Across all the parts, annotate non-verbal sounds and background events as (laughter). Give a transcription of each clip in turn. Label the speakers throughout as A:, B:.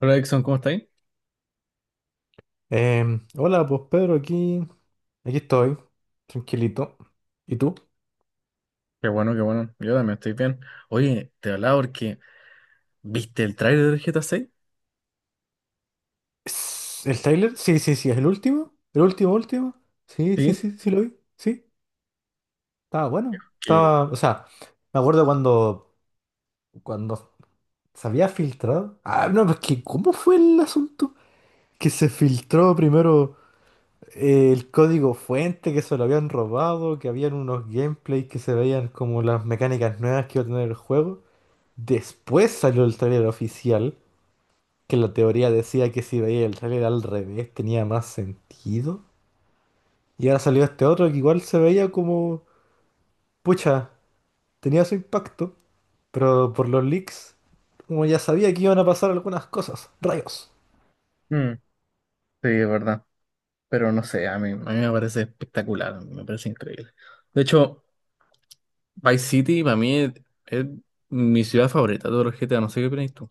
A: Hola Dixon, ¿cómo estáis?
B: Hola, pues Pedro, aquí, aquí estoy, tranquilito. ¿Y tú?
A: Qué bueno, qué bueno. Yo también estoy bien. Oye, te hablaba porque, ¿viste el tráiler del GTA 6?
B: ¿Es ¿el trailer? Sí, sí, sí, es el último. ¿El último, último? Sí, sí,
A: Sí.
B: sí, sí lo vi. Sí, estaba bueno.
A: Que...
B: Estaba, o sea, me acuerdo cuando se había filtrado. Ah, no, pues que, ¿cómo fue el asunto? Que se filtró primero el código fuente, que se lo habían robado, que habían unos gameplays que se veían como las mecánicas nuevas que iba a tener el juego. Después salió el trailer oficial que la teoría decía que si veía el trailer al revés tenía más sentido. Y ahora salió este otro que igual se veía como, pucha, tenía su impacto, pero por los leaks, como ya sabía que iban a pasar algunas cosas, rayos.
A: mm, sí, es verdad. Pero no sé, a mí me parece espectacular, me parece increíble. De hecho, Vice City para mí es mi ciudad favorita de todos los GTA, no sé qué opinas tú.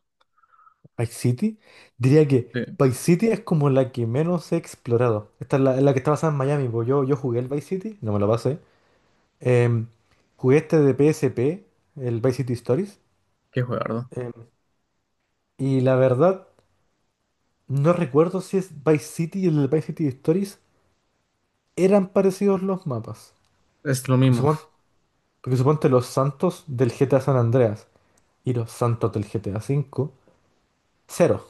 B: Vice City, diría
A: Sí,
B: que Vice City es como la que menos he explorado. Esta es la que está basada en Miami, porque yo jugué el Vice City, no me lo pasé. Em, Jugué este de PSP, el Vice City Stories.
A: qué juego.
B: em, y la verdad... No recuerdo si es Vice City y el de Vice City Stories eran parecidos los mapas.
A: Es lo
B: Porque,
A: mismo.
B: suponte los santos del GTA San Andreas y los santos del GTA V, cero.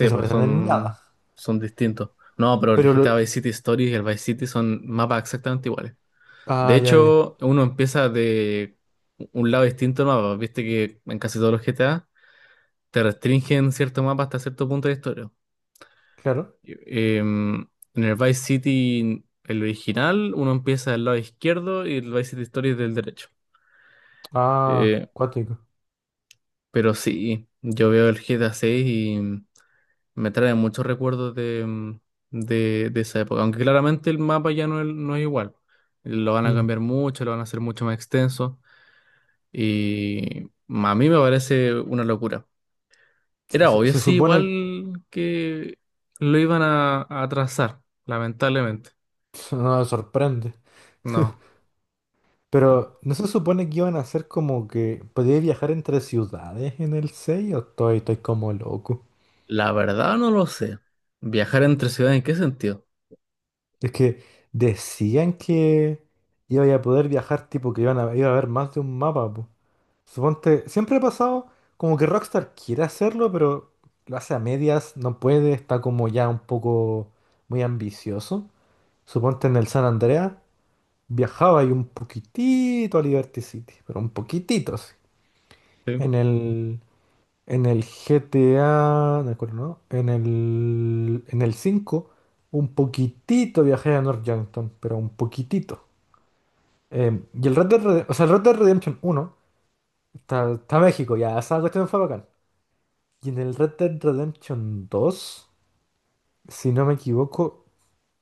B: No se
A: pues
B: parecen en nada.
A: son distintos. No, pero el
B: Pero
A: GTA
B: lo-
A: Vice City Stories y el Vice City son mapas exactamente iguales. De
B: Ah, ya, ya.
A: hecho, uno empieza de un lado distinto al mapa. Viste que en casi todos los GTA te restringen cierto mapa hasta cierto punto de historia.
B: Claro.
A: En el Vice City, el original, uno empieza del lado izquierdo y el Vice City Story es del derecho.
B: Ah,
A: Eh,
B: cuático.
A: pero sí, yo veo el GTA 6 y me trae muchos recuerdos de esa época. Aunque claramente el mapa ya no es igual. Lo van a
B: Mm.
A: cambiar mucho, lo van a hacer mucho más extenso. Y a mí me parece una locura.
B: Se,
A: Era
B: se-
A: obvio,
B: se
A: sí,
B: supone...
A: igual que lo iban a atrasar, lamentablemente.
B: (laughs) No me sorprende.
A: No,
B: Pero ¿no se supone que iban a hacer como que podía viajar entre ciudades en el 6 o estoy como loco?
A: la verdad no lo sé. ¿Viajar entre ciudades en qué sentido?
B: Es que decían que iba a poder viajar, tipo que iba a haber más de un mapa, po. Suponte, siempre ha pasado como que Rockstar quiere hacerlo, pero lo hace a medias, no puede, está como ya un poco muy ambicioso. Suponte en el San Andreas viajaba y un poquitito a Liberty City, pero un poquitito, sí.
A: Sí.
B: En el en el GTA, de acuerdo, ¿no? En el 5 un poquitito viajé a North Yankton, pero un poquitito. Y el Red Dead Redemption, o sea, el Red Dead Redemption uno está México, ya, esa cuestión fue bacán. Y en el Red Dead Redemption dos, si no me equivoco,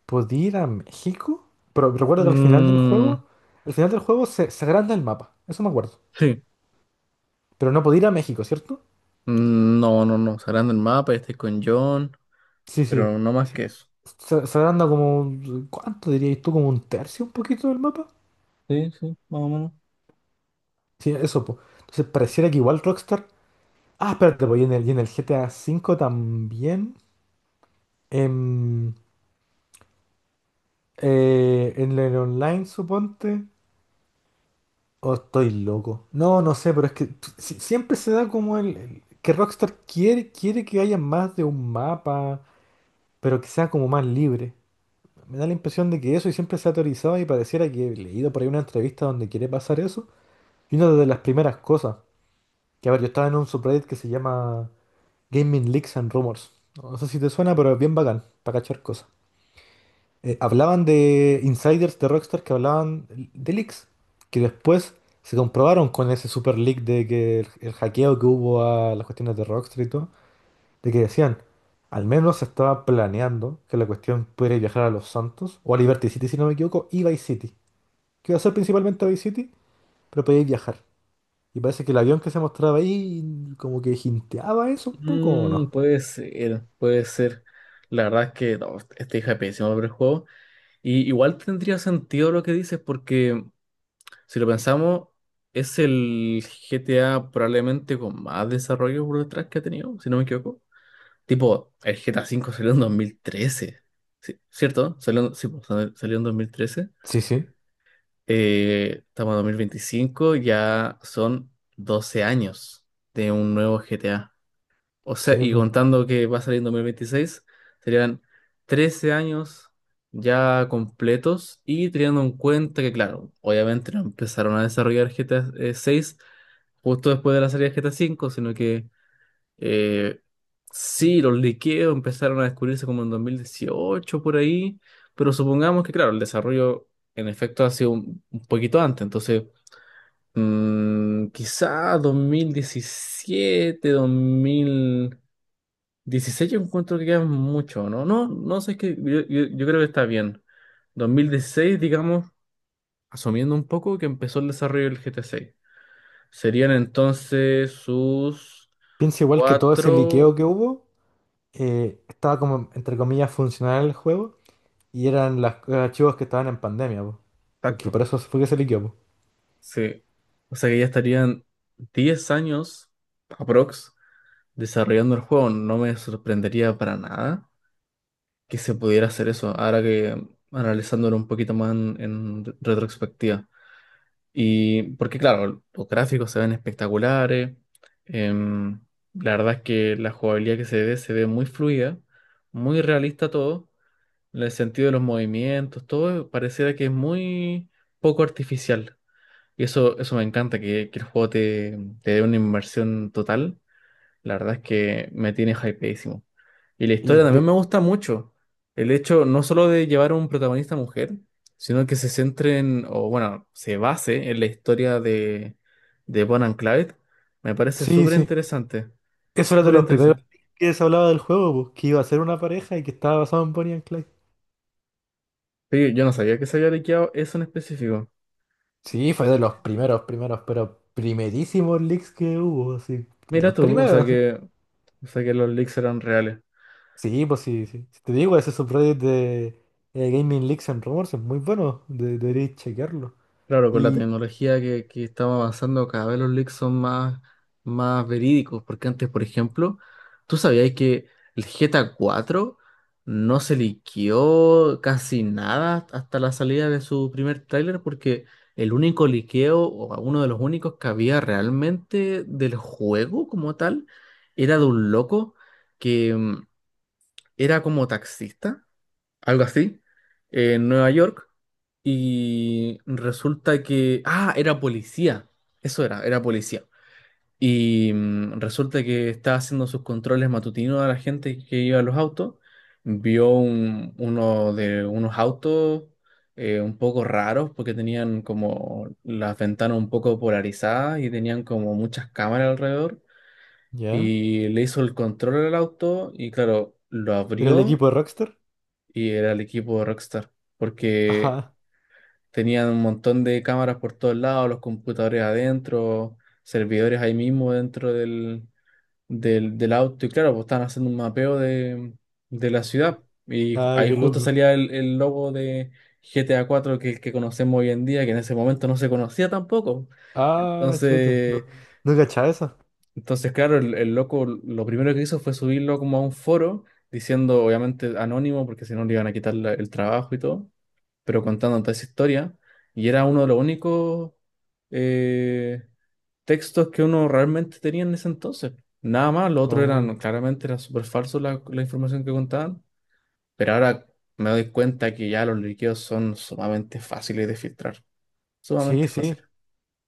B: podía ir a México. Pero recuerdo que al final del
A: Mm,
B: juego, al final del juego se agranda el mapa, eso me acuerdo.
A: sí.
B: Pero no podía ir a México, ¿cierto?
A: No, no, no. Sacando el mapa, estoy con John,
B: Sí,
A: pero
B: sí.
A: no más que eso.
B: Se agranda como, ¿cuánto dirías tú? Como un tercio, un poquito del mapa.
A: Sí, sí, más o menos.
B: Sí, eso, pues. Entonces pareciera que igual Rockstar. Ah, espérate, pues, y en el GTA V también. em, en el online, suponte. O estoy loco. No, no sé, pero es que siempre se da como que Rockstar quiere que haya más de un mapa, pero que sea como más libre. Me da la impresión de que eso y siempre se ha teorizado y pareciera que he leído por ahí una entrevista donde quiere pasar eso. Y una de las primeras cosas, que a ver, yo estaba en un subreddit que se llama Gaming Leaks and Rumors. No sé si te suena, pero es bien bacán, para cachar cosas. Hablaban de insiders de Rockstar que hablaban de leaks, que después se comprobaron con ese super leak de que el hackeo que hubo a las cuestiones de Rockstar y todo, de que decían, al menos se estaba planeando que la cuestión pudiera viajar a Los Santos, o a Liberty City si no me equivoco, y Vice City. Que iba a ser principalmente a Vice City, pero podía viajar. Y parece que el avión que se mostraba ahí como que jinteaba eso un poco, ¿o no?
A: Puede ser, puede ser. La verdad es que no, esta hija es pésima para el juego. Y igual tendría sentido lo que dices, porque, si lo pensamos, es el GTA probablemente con más desarrollo por detrás que ha tenido, si no me equivoco. Tipo, el GTA V salió en 2013. Sí, ¿cierto? Sí, pues, salió en 2013.
B: Sí, sí,
A: Estamos en 2025, ya son 12 años de un nuevo GTA. O sea,
B: sí,
A: y
B: po.
A: contando que va a salir en 2026, serían 13 años ya completos y teniendo en cuenta que, claro, obviamente no empezaron a desarrollar GTA 6 justo después de la salida de GTA 5, sino que eh, sí, los liqueos empezaron a descubrirse como en 2018 por ahí, pero supongamos que, claro, el desarrollo en efecto ha sido un poquito antes, entonces quizá 2017, 2016 yo encuentro que queda mucho, ¿no? No, no sé, es que yo creo que está bien. 2016 digamos, asumiendo un poco que empezó el desarrollo del GT seis. Serían entonces sus
B: Piensa igual que todo ese liqueo
A: cuatro...
B: que hubo, estaba como, entre comillas, funcional el juego y eran los archivos que estaban en pandemia, po.
A: Tacto.
B: Porque por eso fue que se liqueó, po.
A: Sí. O sea que ya estarían 10 años, aprox, desarrollando el juego. No me sorprendería para nada que se pudiera hacer eso, ahora que analizándolo un poquito más en retrospectiva. Y porque claro, los gráficos se ven espectaculares. em, la verdad es que la jugabilidad que se ve muy fluida, muy realista todo, en el sentido de los movimientos, todo pareciera que es muy poco artificial. Y eso me encanta, que el juego te dé una inmersión total. La verdad es que me tiene hypeísimo. Y la
B: Y
A: historia también me
B: de...
A: gusta mucho. El hecho no solo de llevar a un protagonista mujer, sino que se centre en, o bueno, se base en la historia de Bonnie and Clyde. Me parece
B: Sí,
A: súper
B: sí.
A: interesante.
B: Eso era de
A: Súper
B: los primeros
A: interesante.
B: que se hablaba del juego, po, que iba a ser una pareja y que estaba basado en Bonnie and Clyde.
A: Pero yo no sabía que se había liqueado eso en específico.
B: Sí, fue de los primeros, primeros, pero primerísimos leaks que hubo, así. De
A: Mira
B: los
A: tú,
B: primeros.
A: o sea que los leaks eran reales.
B: Sí, pues sí, sí. Si te digo, ese subreddit de Gaming Leaks and Rumors es muy bueno. Deberíais chequearlo.
A: Claro, con la
B: Y
A: tecnología que estamos avanzando, cada vez los leaks son más, más verídicos, porque antes, por ejemplo, ¿tú sabías que el GTA 4 no se liqueó casi nada hasta la salida de su primer tráiler? Porque el único liqueo, o uno de los únicos que había realmente del juego como tal, era de un loco que era como taxista, algo así, en Nueva York y resulta que... Ah, era policía. Eso era, policía. Y resulta que estaba haciendo sus controles matutinos a la gente que iba a los autos. Vio uno de unos autos un poco raros porque tenían como las ventanas un poco polarizadas y tenían como muchas cámaras alrededor.
B: ya.
A: Y le hizo el control al auto y claro, lo
B: ¿Era el
A: abrió
B: equipo de Rockstar?
A: y era el equipo de Rockstar.
B: (laughs)
A: Porque
B: Ajá.
A: tenían un montón de cámaras por todos lados, los computadores adentro, servidores ahí mismo dentro del auto. Y claro, pues estaban haciendo un mapeo de la ciudad.
B: Ah,
A: Ahí
B: qué
A: justo
B: loco.
A: salía el logo de GTA 4 que conocemos hoy en día, que en ese momento no se conocía tampoco.
B: Ah, chuta. No,
A: Entonces,
B: no cachaba esa.
A: entonces, claro, el loco lo primero que hizo fue subirlo como a un foro, diciendo obviamente anónimo, porque si no le iban a quitar el trabajo y todo, pero contando toda esa historia, y era uno de los únicos eh, textos que uno realmente tenía en ese entonces. Nada más, lo otro
B: Oh.
A: eran, claramente era súper falso la información que contaban, pero ahora me doy cuenta que ya los líquidos son sumamente fáciles de filtrar,
B: Sí,
A: sumamente
B: sí.
A: fáciles.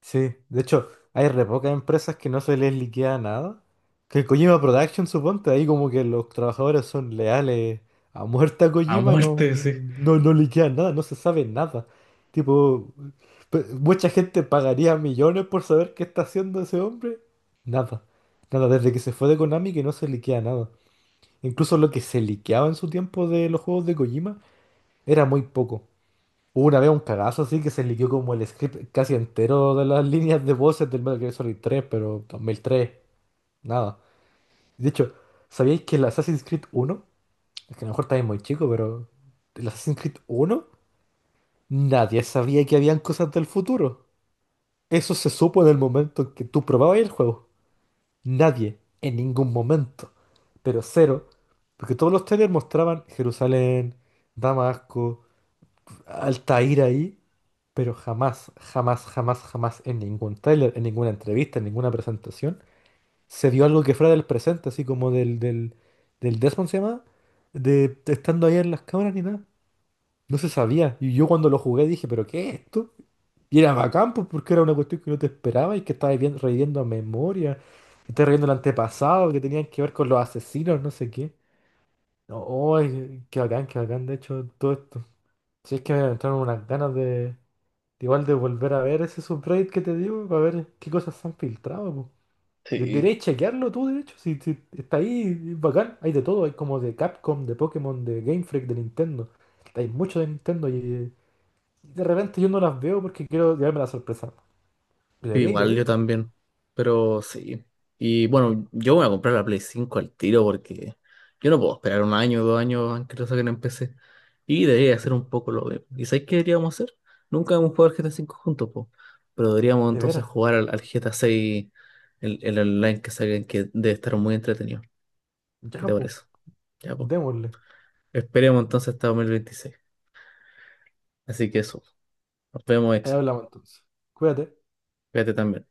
B: Sí, de hecho, hay re pocas empresas que no se les liquida nada. Que Kojima Production, suponte, ahí como que los trabajadores son leales a muerte a
A: A
B: Kojima y no,
A: muerte, sí.
B: no, no liquidan nada, no se sabe nada. Tipo, mucha gente pagaría millones por saber qué está haciendo ese hombre. Nada, nada, desde que se fue de Konami que no se liquida nada. Incluso lo que se liqueaba en su tiempo de los juegos de Kojima era muy poco. Hubo una vez un cagazo así que se liquidó como el script casi entero de las líneas de voces del Metal Gear Solid 3, pero 2003, nada. De hecho, ¿sabíais que el Assassin's Creed uno, es que a lo mejor estáis muy chico, pero el Assassin's Creed uno, nadie sabía que habían cosas del futuro? Eso se supo en el momento en que tú probabas el juego. Nadie, en ningún momento. Pero cero, porque todos los trailers mostraban Jerusalén, Damasco, Altair ahí, pero jamás en ningún tráiler, en ninguna entrevista, en ninguna presentación, se vio algo que fuera del presente, así como del Desmond se llama, de estando ahí en las cámaras ni nada. No se sabía. Y yo cuando lo jugué dije, ¿pero qué es esto? Y era bacán, pues, porque era una cuestión que no te esperaba y que estaba reviviendo, reviviendo a memoria, y estaba reviviendo el antepasado, que tenían que ver con los asesinos, no sé qué. No, oh, qué bacán, de hecho, todo esto. Si es que me entraron unas ganas de. Igual de volver a ver ese subreddit que te digo, para ver qué cosas se han filtrado, po.
A: Sí.
B: Deberías chequearlo tú, de hecho, si está ahí, es bacán. Hay de todo, hay como de Capcom, de Pokémon, de Game Freak, de Nintendo. Hay mucho de Nintendo y de repente yo no las veo porque quiero llevarme la sorpresa.
A: Sí,
B: Debería,
A: igual
B: debería,
A: yo
B: po.
A: también, pero sí. Y bueno, yo voy a comprar la Play 5 al tiro porque yo no puedo esperar un año, 2 años antes que lo saquen en PC. Y debería hacer un poco lo mismo. ¿Y sabes qué deberíamos hacer? Nunca hemos jugado al GTA 5 juntos, po. Pero deberíamos
B: De
A: entonces
B: veras.
A: jugar al GTA 6, el online que saquen, que debe estar muy entretenido. ¿Qué
B: Ya,
A: te
B: pues.
A: parece? Ya, pues.
B: Démosle.
A: Esperemos entonces hasta 2026. Así que eso. Nos vemos,
B: Ahí
A: Exo.
B: hablamos entonces. Cuídate.
A: Cuídate también.